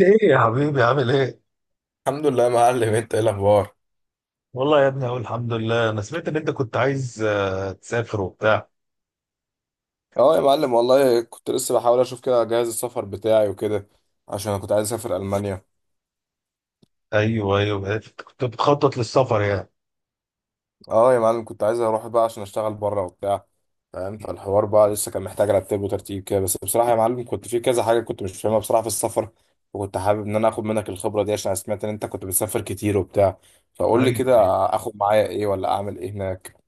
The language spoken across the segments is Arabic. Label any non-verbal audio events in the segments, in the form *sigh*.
ايه يا حبيبي عامل ايه؟ الحمد لله يا معلم، انت ايه الاخبار؟ والله يا ابني اقول الحمد لله، انا سمعت ان انت كنت عايز تسافر وبتاع. اه يا معلم، والله كنت لسه بحاول اشوف كده جهاز السفر بتاعي وكده، عشان انا كنت عايز اسافر المانيا. ايوه، ايوه، أنت كنت بتخطط للسفر يعني. اه يا معلم، كنت عايز اروح بقى عشان اشتغل بره وبتاع، فاهم؟ فالحوار بقى لسه كان محتاج رتب وترتيب كده، بس بصراحه يا معلم كنت في كذا حاجه كنت مش فاهمها بصراحه في السفر، وكنت حابب ان انا اخد منك الخبره دي، عشان أنا سمعت ان انت كنت بتسافر كتير وبتاع. فقول لي ايوه كده، ايوه. اخد معايا ايه ولا اعمل ايه هناك؟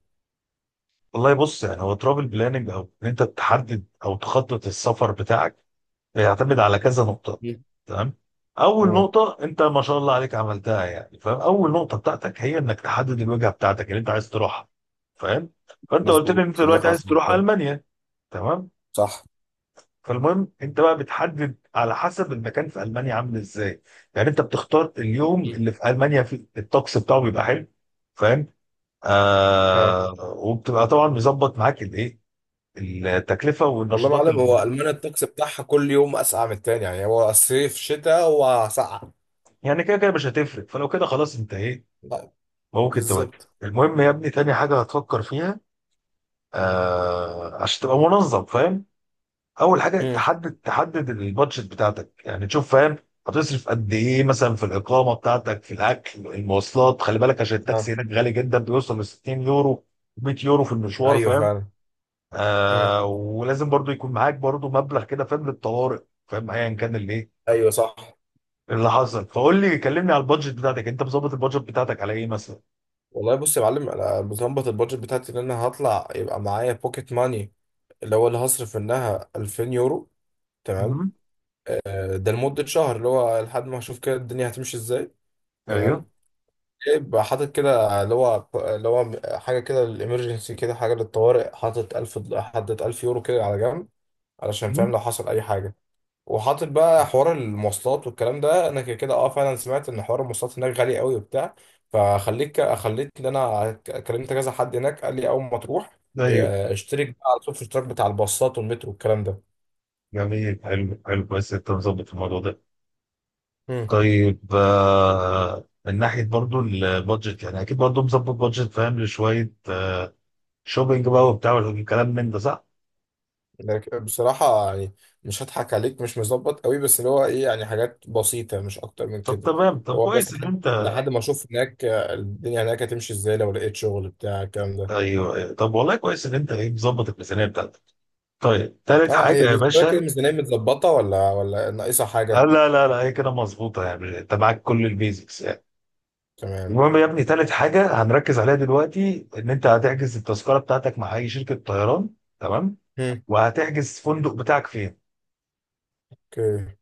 والله بص، يعني هو ترافل بلاننج او ان انت تحدد او تخطط السفر بتاعك بيعتمد على كذا نقطة. مم. تمام؟ اول مم. نقطة انت ما شاء الله عليك عملتها، يعني فاهم؟ اول نقطة بتاعتك هي انك تحدد الوجهة بتاعتك اللي انت عايز تروحها. فاهم؟ فانت قلت لي مظبوط، ان انت عشان دي دلوقتي خلاص. عايز تروح المانيا. تمام؟ صح. فالمهم انت بقى بتحدد على حسب المكان في المانيا عامل ازاي. يعني انت بتختار اليوم مم. اللي في المانيا فيه الطقس بتاعه بيبقى حلو. فاهم؟ آه، وبتبقى طبعا مظبط معاك الايه، التكلفه والله يا والنشاطات معلم اللي هو المانيا الطقس بتاعها كل يوم اسقع من التاني، يعني هو صيف شتاء هو سقع. يعني كده كده مش هتفرق، فلو كده خلاص انت ايه لا، ممكن تودي. بالظبط. المهم يا ابني تاني حاجه هتفكر فيها، آه، عشان تبقى منظم، فاهم؟ اول حاجه مم. تحدد البادجت بتاعتك، يعني تشوف فاهم هتصرف قد ايه مثلا في الاقامه بتاعتك، في الاكل، المواصلات. خلي بالك، عشان آه. التاكسي هناك غالي جدا، بيوصل ل 60 يورو، 100 يورو في المشوار. ايوه فاهم؟ فعلا. مم. آه، ولازم برضو يكون معاك برضو مبلغ كده، فاهم، للطوارئ، فاهم، ايا كان اللي ايه ايوه صح. اللي حصل. فقول لي، كلمني على البادجت بتاعتك، انت مظبط البادجت بتاعتك على ايه مثلا؟ والله بص يا معلم، انا بظبط البادجت بتاعتي ان انا هطلع يبقى معايا بوكيت ماني، اللي هو اللي هصرف منها 2000 يورو. تمام. مم. آه، ده لمده شهر، اللي هو لحد ما اشوف كده الدنيا هتمشي ازاي. ايوه. تمام. يبقى حاطط كده اللي هو حاجه كده، الامرجنسي، كده حاجه للطوارئ، حاطط 1000 يورو كده على جنب، علشان فاهم مم. لو حصل اي حاجه. وحاطط بقى حوار المواصلات والكلام ده، انا كده كده اه فعلا سمعت ان حوار المواصلات هناك غالي قوي وبتاع. فخليك، خليت ان انا كلمت كذا حد هناك، قال لي اول ما تروح ايوه. آه، اشترك بقى على طول في الاشتراك بتاع الباصات والمترو والكلام ده. جميل، حلو حلو، بس انت مظبط الموضوع ده. امم. طيب، من ناحية برضو البادجت، يعني أكيد برضو مظبط بادجت فاهم لشوية شوبينج بقى وبتاع والكلام من ده، صح؟ لكن بصراحه يعني، مش هضحك عليك، مش مظبط قوي، بس اللي هو ايه يعني حاجات بسيطه مش اكتر من طب كده. تمام، طب هو بس كويس إن لحد أنت. لحد ما اشوف هناك آه، الدنيا هناك هتمشي ازاي لو لقيت شغل بتاع الكلام ده. أيوه، أيوة. طب والله كويس إن أنت إيه مظبط الميزانية بتاعتك. طيب، تالت اه حاجة هي يا بالنسبة لك باشا، الميزانية متظبطة ولا ناقصة حاجة؟ لا لا لا، هي كده مظبوطة، يعني أنت معاك كل البيزكس يعني. تمام. المهم يا ابني تالت حاجة هنركز عليها دلوقتي إن أنت هتحجز التذكرة بتاعتك مع أي شركة طيران. تمام؟ هم. وهتحجز فندق بتاعك فين؟ اوكي.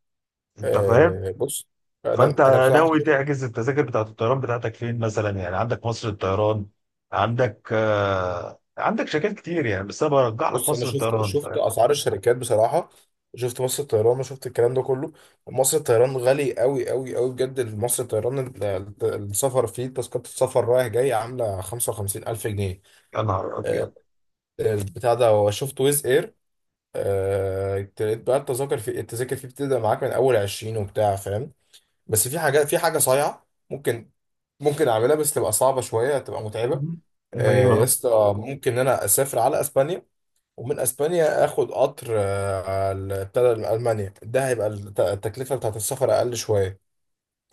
أنت فاهم؟ آه بص، فانت انا بصراحة ناوي شفت. تحجز التذاكر بتاعت الطيران بتاعتك فين مثلا؟ يعني عندك مصر الطيران، عندك شركات كتير يعني، بس انا برجح لك بص انا مصر شفت الطيران شفت اسعار الشركات بصراحة، شفت مصر الطيران وشفت الكلام ده كله. مصر الطيران غالي قوي قوي قوي بجد، مصر الطيران السفر فيه، تذكرة السفر رايح جاي عاملة 55 ألف جنيه. يا نهار آه، ابيض. البتاع ده، شفت ويز اير آه، لقيت بقى التذاكر، التذاكر فيه بتبدأ معاك من أول 20 وبتاع، فاهم؟ بس في حاجات، في حاجه صايعه ممكن اعملها، بس تبقى صعبه شويه، تبقى متعبه. مم. آه، يا ايوه. اسطى، ممكن إن انا اسافر على اسبانيا، ومن اسبانيا اخد قطر آه، بتاع المانيا، ده هيبقى التكلفه بتاعت السفر اقل شويه.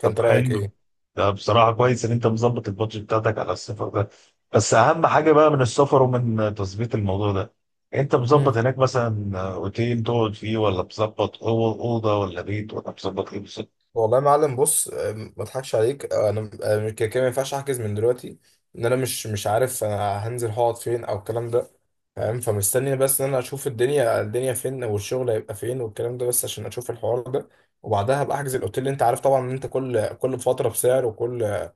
طب رايك حلو، ايه؟ ده بصراحه كويس ان انت مظبط البادجت بتاعتك على السفر ده. بس اهم حاجه بقى من السفر ومن تظبيط الموضوع ده، انت مظبط مم. هناك مثلا اوتيل تقعد فيه، ولا مظبط اوضه، ولا بيت، ولا مظبط ايه بالظبط؟ والله يا معلم بص، ما اضحكش عليك، أنا آه، كده كده ما ينفعش احجز من دلوقتي، ان انا مش عارف انا هنزل هقعد فين او الكلام ده، فاهم؟ فمستني بس ان انا اشوف الدنيا فين، والشغل هيبقى فين، والكلام ده، بس عشان اشوف الحوار ده. وبعدها هبقى احجز الاوتيل. انت عارف طبعا ان انت كل فتره بسعر، وكل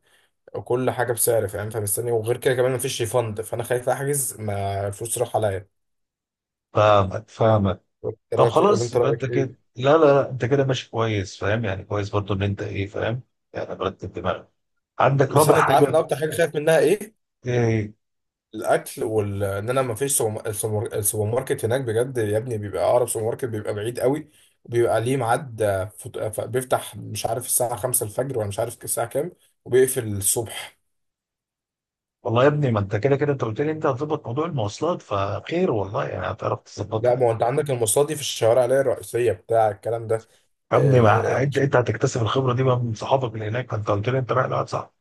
كل حاجه بسعر، فاهم؟ فمستني. وغير كده كمان مفيش ريفند، فانا خايف احجز ما الفلوس تروح عليا. فاهمك، فاهمك. إيه طب رايك، ولا خلاص، انت يبقى رايك انت ايه؟ كده، لا لا لا، انت كده ماشي كويس، فاهم يعني، كويس برضو ان انت ايه، فاهم، يعني مرتب دماغك. عندك بس رابع انا، انت عارف حاجه؟ انا اكتر حاجه خايف منها ايه؟ ايه؟ الاكل، وال ان انا ما فيش السوبر ماركت هناك، بجد يا ابني بيبقى اقرب سوبر ماركت بيبقى بعيد قوي، وبيبقى ليه ميعاد آه، بيفتح مش عارف الساعه 5 الفجر ولا مش عارف الساعه كام، وبيقفل الصبح. والله يا ابني ما انت كده كده انت قلت لي انت هتظبط موضوع المواصلات، فخير والله يعني هتعرف تظبطها لا ما يعني. هو انت عندك المصادي في الشوارع اللي هي الرئيسيه بتاع الكلام ده. يا ابني ما آه... انت هتكتسب الخبره دي بقى من صحابك اللي هناك، فانت قلت لي انت رايح لواحد صاحبك.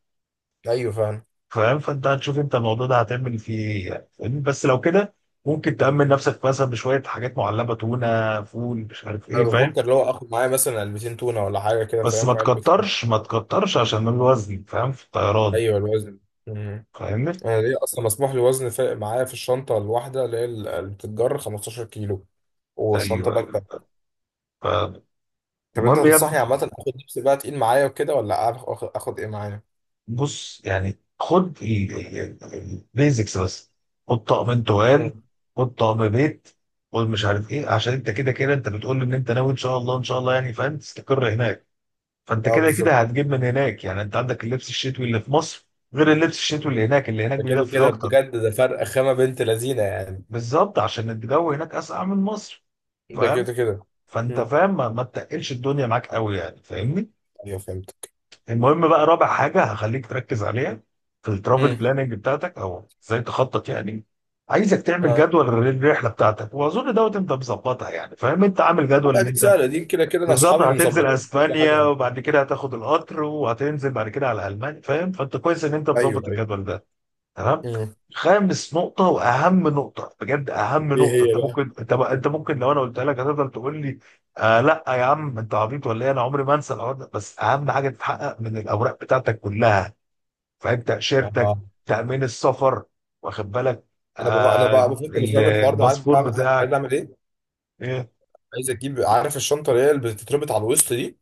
ايوه فاهم. فاهم؟ فانت هتشوف انت الموضوع ده هتعمل فيه ايه يعني، فاهمني؟ بس لو كده ممكن تأمن نفسك مثلا بشويه حاجات معلبه، تونه، فول، مش عارف انا ايه، فاهم؟ بفكر لو اخد معايا مثلا علبتين تونه ولا حاجه كده، بس ما فاهم، وعلبه لانشون. تكترش، ما تكترش، عشان الوزن فاهم في الطيران. ايوه الوزن. مم. فاهمني؟ انا ليه اصلا مسموح لي وزن معايا في الشنطه الواحده اللي هي اللي بتتجر 15 كيلو، والشنطه ايوه، باك. أيوة. طب انت فالمهم يا ابني، تنصحني عامة، اخد لبس بقى تقيل معايا وكده، ولا اخد ايه معايا؟ بص يعني، خد البيزكس بس، خد طقمين طوال، امم. خد طقم بيت، خد مش عارف ايه، عشان انت كده كده انت بتقول لي ان انت ناوي ان شاء الله، ان شاء الله يعني، فاهم، تستقر هناك. فانت اه كده كده بالظبط. هتجيب من هناك، يعني انت عندك اللبس الشتوي اللي في مصر، غير اللبس الشتوي اللي هناك، اللي هناك ده كده بيدفي كده اكتر. بجد، ده فرق خامة بنت لذينة يعني. بالظبط، عشان الجو هناك اسقع من مصر. ده فاهم؟ كده كده. فانت امم. فاهم، ما تقلش الدنيا معاك قوي يعني، فاهمني؟ ايوه فهمتك. المهم بقى رابع حاجه هخليك تركز عليها في الترافل امم. بلاننج بتاعتك، او ازاي تخطط يعني. عايزك تعمل اه. جدول للرحله بتاعتك، واظن دوت انت مظبطها يعني، فاهم، انت عامل جدول لا ان دي انت سهلة، دي كده كده انا بالظبط اصحابي هتنزل مظبطين كل اسبانيا حاجة. وبعد كده هتاخد القطر وهتنزل بعد كده على المانيا. فاهم؟ فانت كويس ان انت مظبط ايوه ايوه. الجدول ده. تمام. امم. خامس نقطة وأهم نقطة بجد، أهم ايه نقطة هي أنت ممكن، بقى؟ أنت ممكن لو أنا قلتها لك هتفضل تقول لي، آه لا يا عم، أنت عبيط ولا إيه؟ أنا عمري ما أنسى الحوار ده. بس أهم حاجة تتحقق من الأوراق بتاعتك كلها، فاهم، تأشيرتك، اه، تأمين السفر، واخد بالك. انا بقى انا آه، بقى بفكر بسبب الحوار ده، عارف الباسبور عايز بتاعك. اعمل ايه؟ إيه؟ عايز اجيب، عارف الشنطة اللي هي اللي بتتربط على الوسط دي،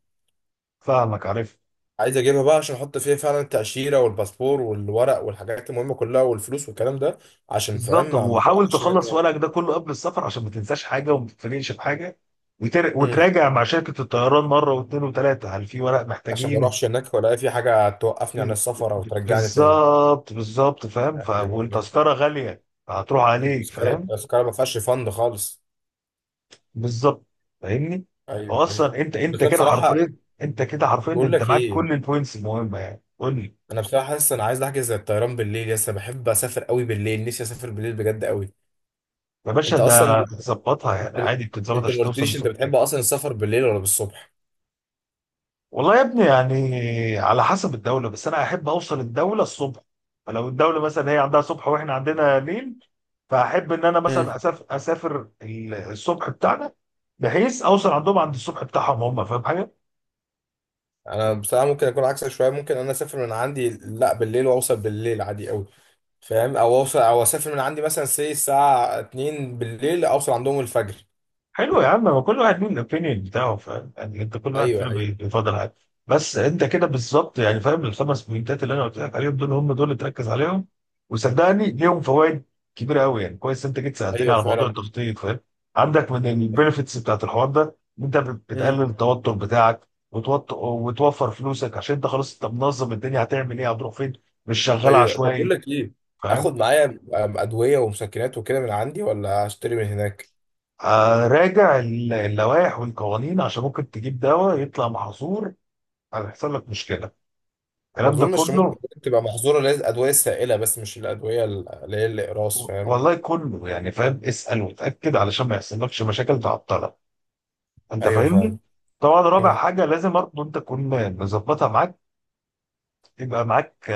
فاهمك، عارف. عايز اجيبها بقى عشان احط فيها فعلا التأشيرة والباسبور والورق والحاجات المهمة كلها والفلوس والكلام ده، عشان بالظبط. فاهم ما وحاول تقعش تخلص مني. ورقك ده كله قبل السفر، عشان ما تنساش حاجة، وما تتفاجئش بحاجة، مم. وتراجع مع شركة الطيران مرة واثنين وثلاثة، هل في ورق عشان ما محتاجين؟ اروحش هناك ولا في حاجة توقفني عن السفر او ترجعني تاني. بالظبط، بالظبط، فاهم ايوه. والتذكرة غالية، هتروح عليك، التذكرة فاهم؟ التذكرة ما فيهاش فند خالص. بالظبط، فاهمني. هو ايوه ايوه. اصلا انت بس انت انا كده بصراحة، حرفيا، انت كده حرفيا بقول انت لك معاك ايه، كل البوينتس المهمة يعني، قول لي. انا بصراحة حاسس انا عايز احجز الطيران بالليل، لسه بحب اسافر قوي بالليل، نفسي اسافر بالليل بجد قوي. يا باشا انت ده اصلا، ظبطها يعني، انت عادي بتتظبط انت ما عشان توصل قلتليش انت الصبح. بتحب اصلا السفر بالليل ولا بالصبح؟ والله يا ابني يعني على حسب الدولة، بس انا احب اوصل الدولة الصبح. فلو الدولة مثلا هي عندها صبح واحنا عندنا ليل، فاحب ان انا مم. مثلا اسافر الصبح بتاعنا، بحيث اوصل عندهم عند الصبح بتاعهم هم. فاهم حاجه؟ انا بصراحه ممكن اكون عكسك شويه، ممكن انا اسافر من عندي لا بالليل واوصل بالليل عادي قوي، فاهم؟ او اوصل، او اسافر من عندي مثلا الساعه 2 بالليل، اوصل عندهم الفجر. حلو يا عم، هو كل واحد له الاوبينيون بتاعه، فاهم يعني، انت كل واحد فينا ايوه ايوه. بيفضل حاجه. بس انت كده بالظبط يعني، فاهم، الخمس بوينتات اللي انا قلت لك عليهم دول هم دول اللي تركز عليهم. وصدقني ليهم فوائد كبيره قوي، يعني كويس انت جيت سالتني ايوه على موضوع فعلا. التخطيط. فاهم؟ عندك من البنفيتس بتاعت الحوار ده ان انت امم. بتقلل التوتر بتاعك وتوفر فلوسك، عشان انت خلاص انت منظم الدنيا هتعمل ايه، هتروح فين، مش شغال ايوه. طب بقول عشوائي. لك ايه، فاهم؟ اخد معايا ادويه ومسكنات وكده من عندي، ولا اشتري من هناك؟ راجع اللوائح والقوانين، عشان ممكن تجيب دواء يطلع محظور، هيحصل لك مشكله، ما الكلام ده اظنش كله. ممكن تبقى محظوره، لازم ادويه سائله، بس مش الادويه اللي هي الاقراص، فاهم؟ والله كله يعني، فاهم، اسال وتاكد علشان ما يحصلكش مشاكل تعطلك. انت ايوه فاهمني؟ فاهم. طبعا رابع حاجه لازم برضه انت تكون مظبطها معاك، يبقى معاك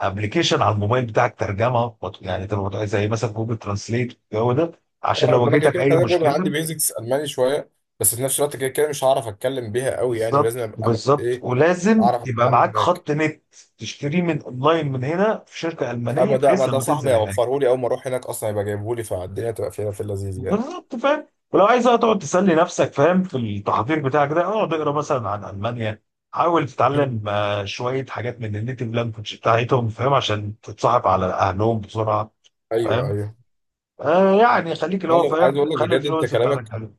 ابلكيشن على الموبايل بتاعك ترجمه، يعني تبقى زي مثلا جوجل ترانسليت، الجو ده، عشان لو ما انا كده واجهتك كده اي كده برضه عندي مشكله. بيزكس الماني شويه، بس في نفس الوقت كده كده مش هعرف اتكلم بيها قوي يعني، ولازم بالظبط، ابقى بالظبط. ايه، ولازم اعرف يبقى اتعامل معاك هناك. خط نت، تشتريه من اونلاين من هنا في شركه المانيه، اما ده، ما بحيث ده لما صاحبي تنزل هناك. هيوفره لي اول ما اروح هناك اصلا، يبقى جايبه لي، فالدنيا تبقى فيها في اللذيذ يعني. بالظبط، فاهم؟ ولو عايز بقى تقعد تسلي نفسك، فاهم، في التحضير بتاعك ده، اقعد اقرا مثلا عن المانيا، حاول مم. تتعلم شويه حاجات من النيتيف لانجوج بتاعتهم، فاهم، عشان تتصاحب على اهلهم بسرعه. ايوه فاهم؟ ايوه. آه يعني خليك اللي هو معلم، عايز فاهم، اقول لك خلي بجد، انت الفلوس بتاعتك كلامك، حلو.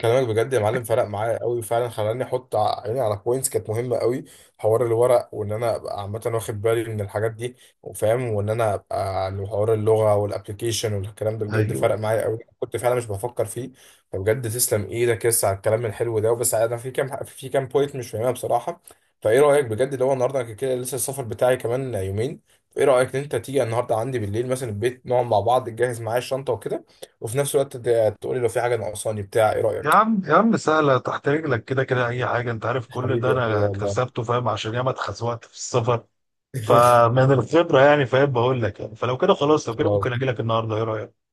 كلامك بجد يا معلم فرق معايا قوي فعلا، خلاني احط عيني على بوينتس كانت مهمه قوي، حوار الورق وان انا ابقى عامه واخد بالي من الحاجات دي، وفاهم، وان انا ابقى عن حوار اللغه والابلكيشن والكلام ده، بجد فرق ايوه. معايا قوي، كنت فعلا مش بفكر فيه. فبجد تسلم ايدك يس على الكلام الحلو ده. بس انا في كام بوينت مش فاهمها بصراحه، فايه رايك بجد، لو النهارده أنا كده لسه السفر بتاعي كمان يومين، ايه رايك ان انت تيجي النهارده عندي بالليل مثلا البيت، نقعد مع بعض، تجهز معايا الشنطه وكده، وفي نفس الوقت تقولي لو في حاجة ناقصاني بتاع، ايه يا رأيك؟ عم، يا عم، سهله تحت رجلك، كده كده اي حاجه انت عارف كل حبيبي ده يا اخويا انا والله. اكتسبته، فاهم، عشان ياما اتخزوقت في السفر. *laughs* فمن الخبره يعني، فاهم، بقول لك يعني. فلو كده خلاص، لو كده خلاص، ممكن اجي لك النهارده، ايه رايك؟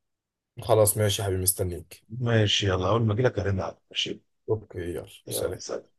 خلاص ماشي يا حبيبي، مستنيك. ماشي، يلا، أول ما أجيلك هرن عليك، ماشي؟ اوكي يلا يلا سلام. سلام.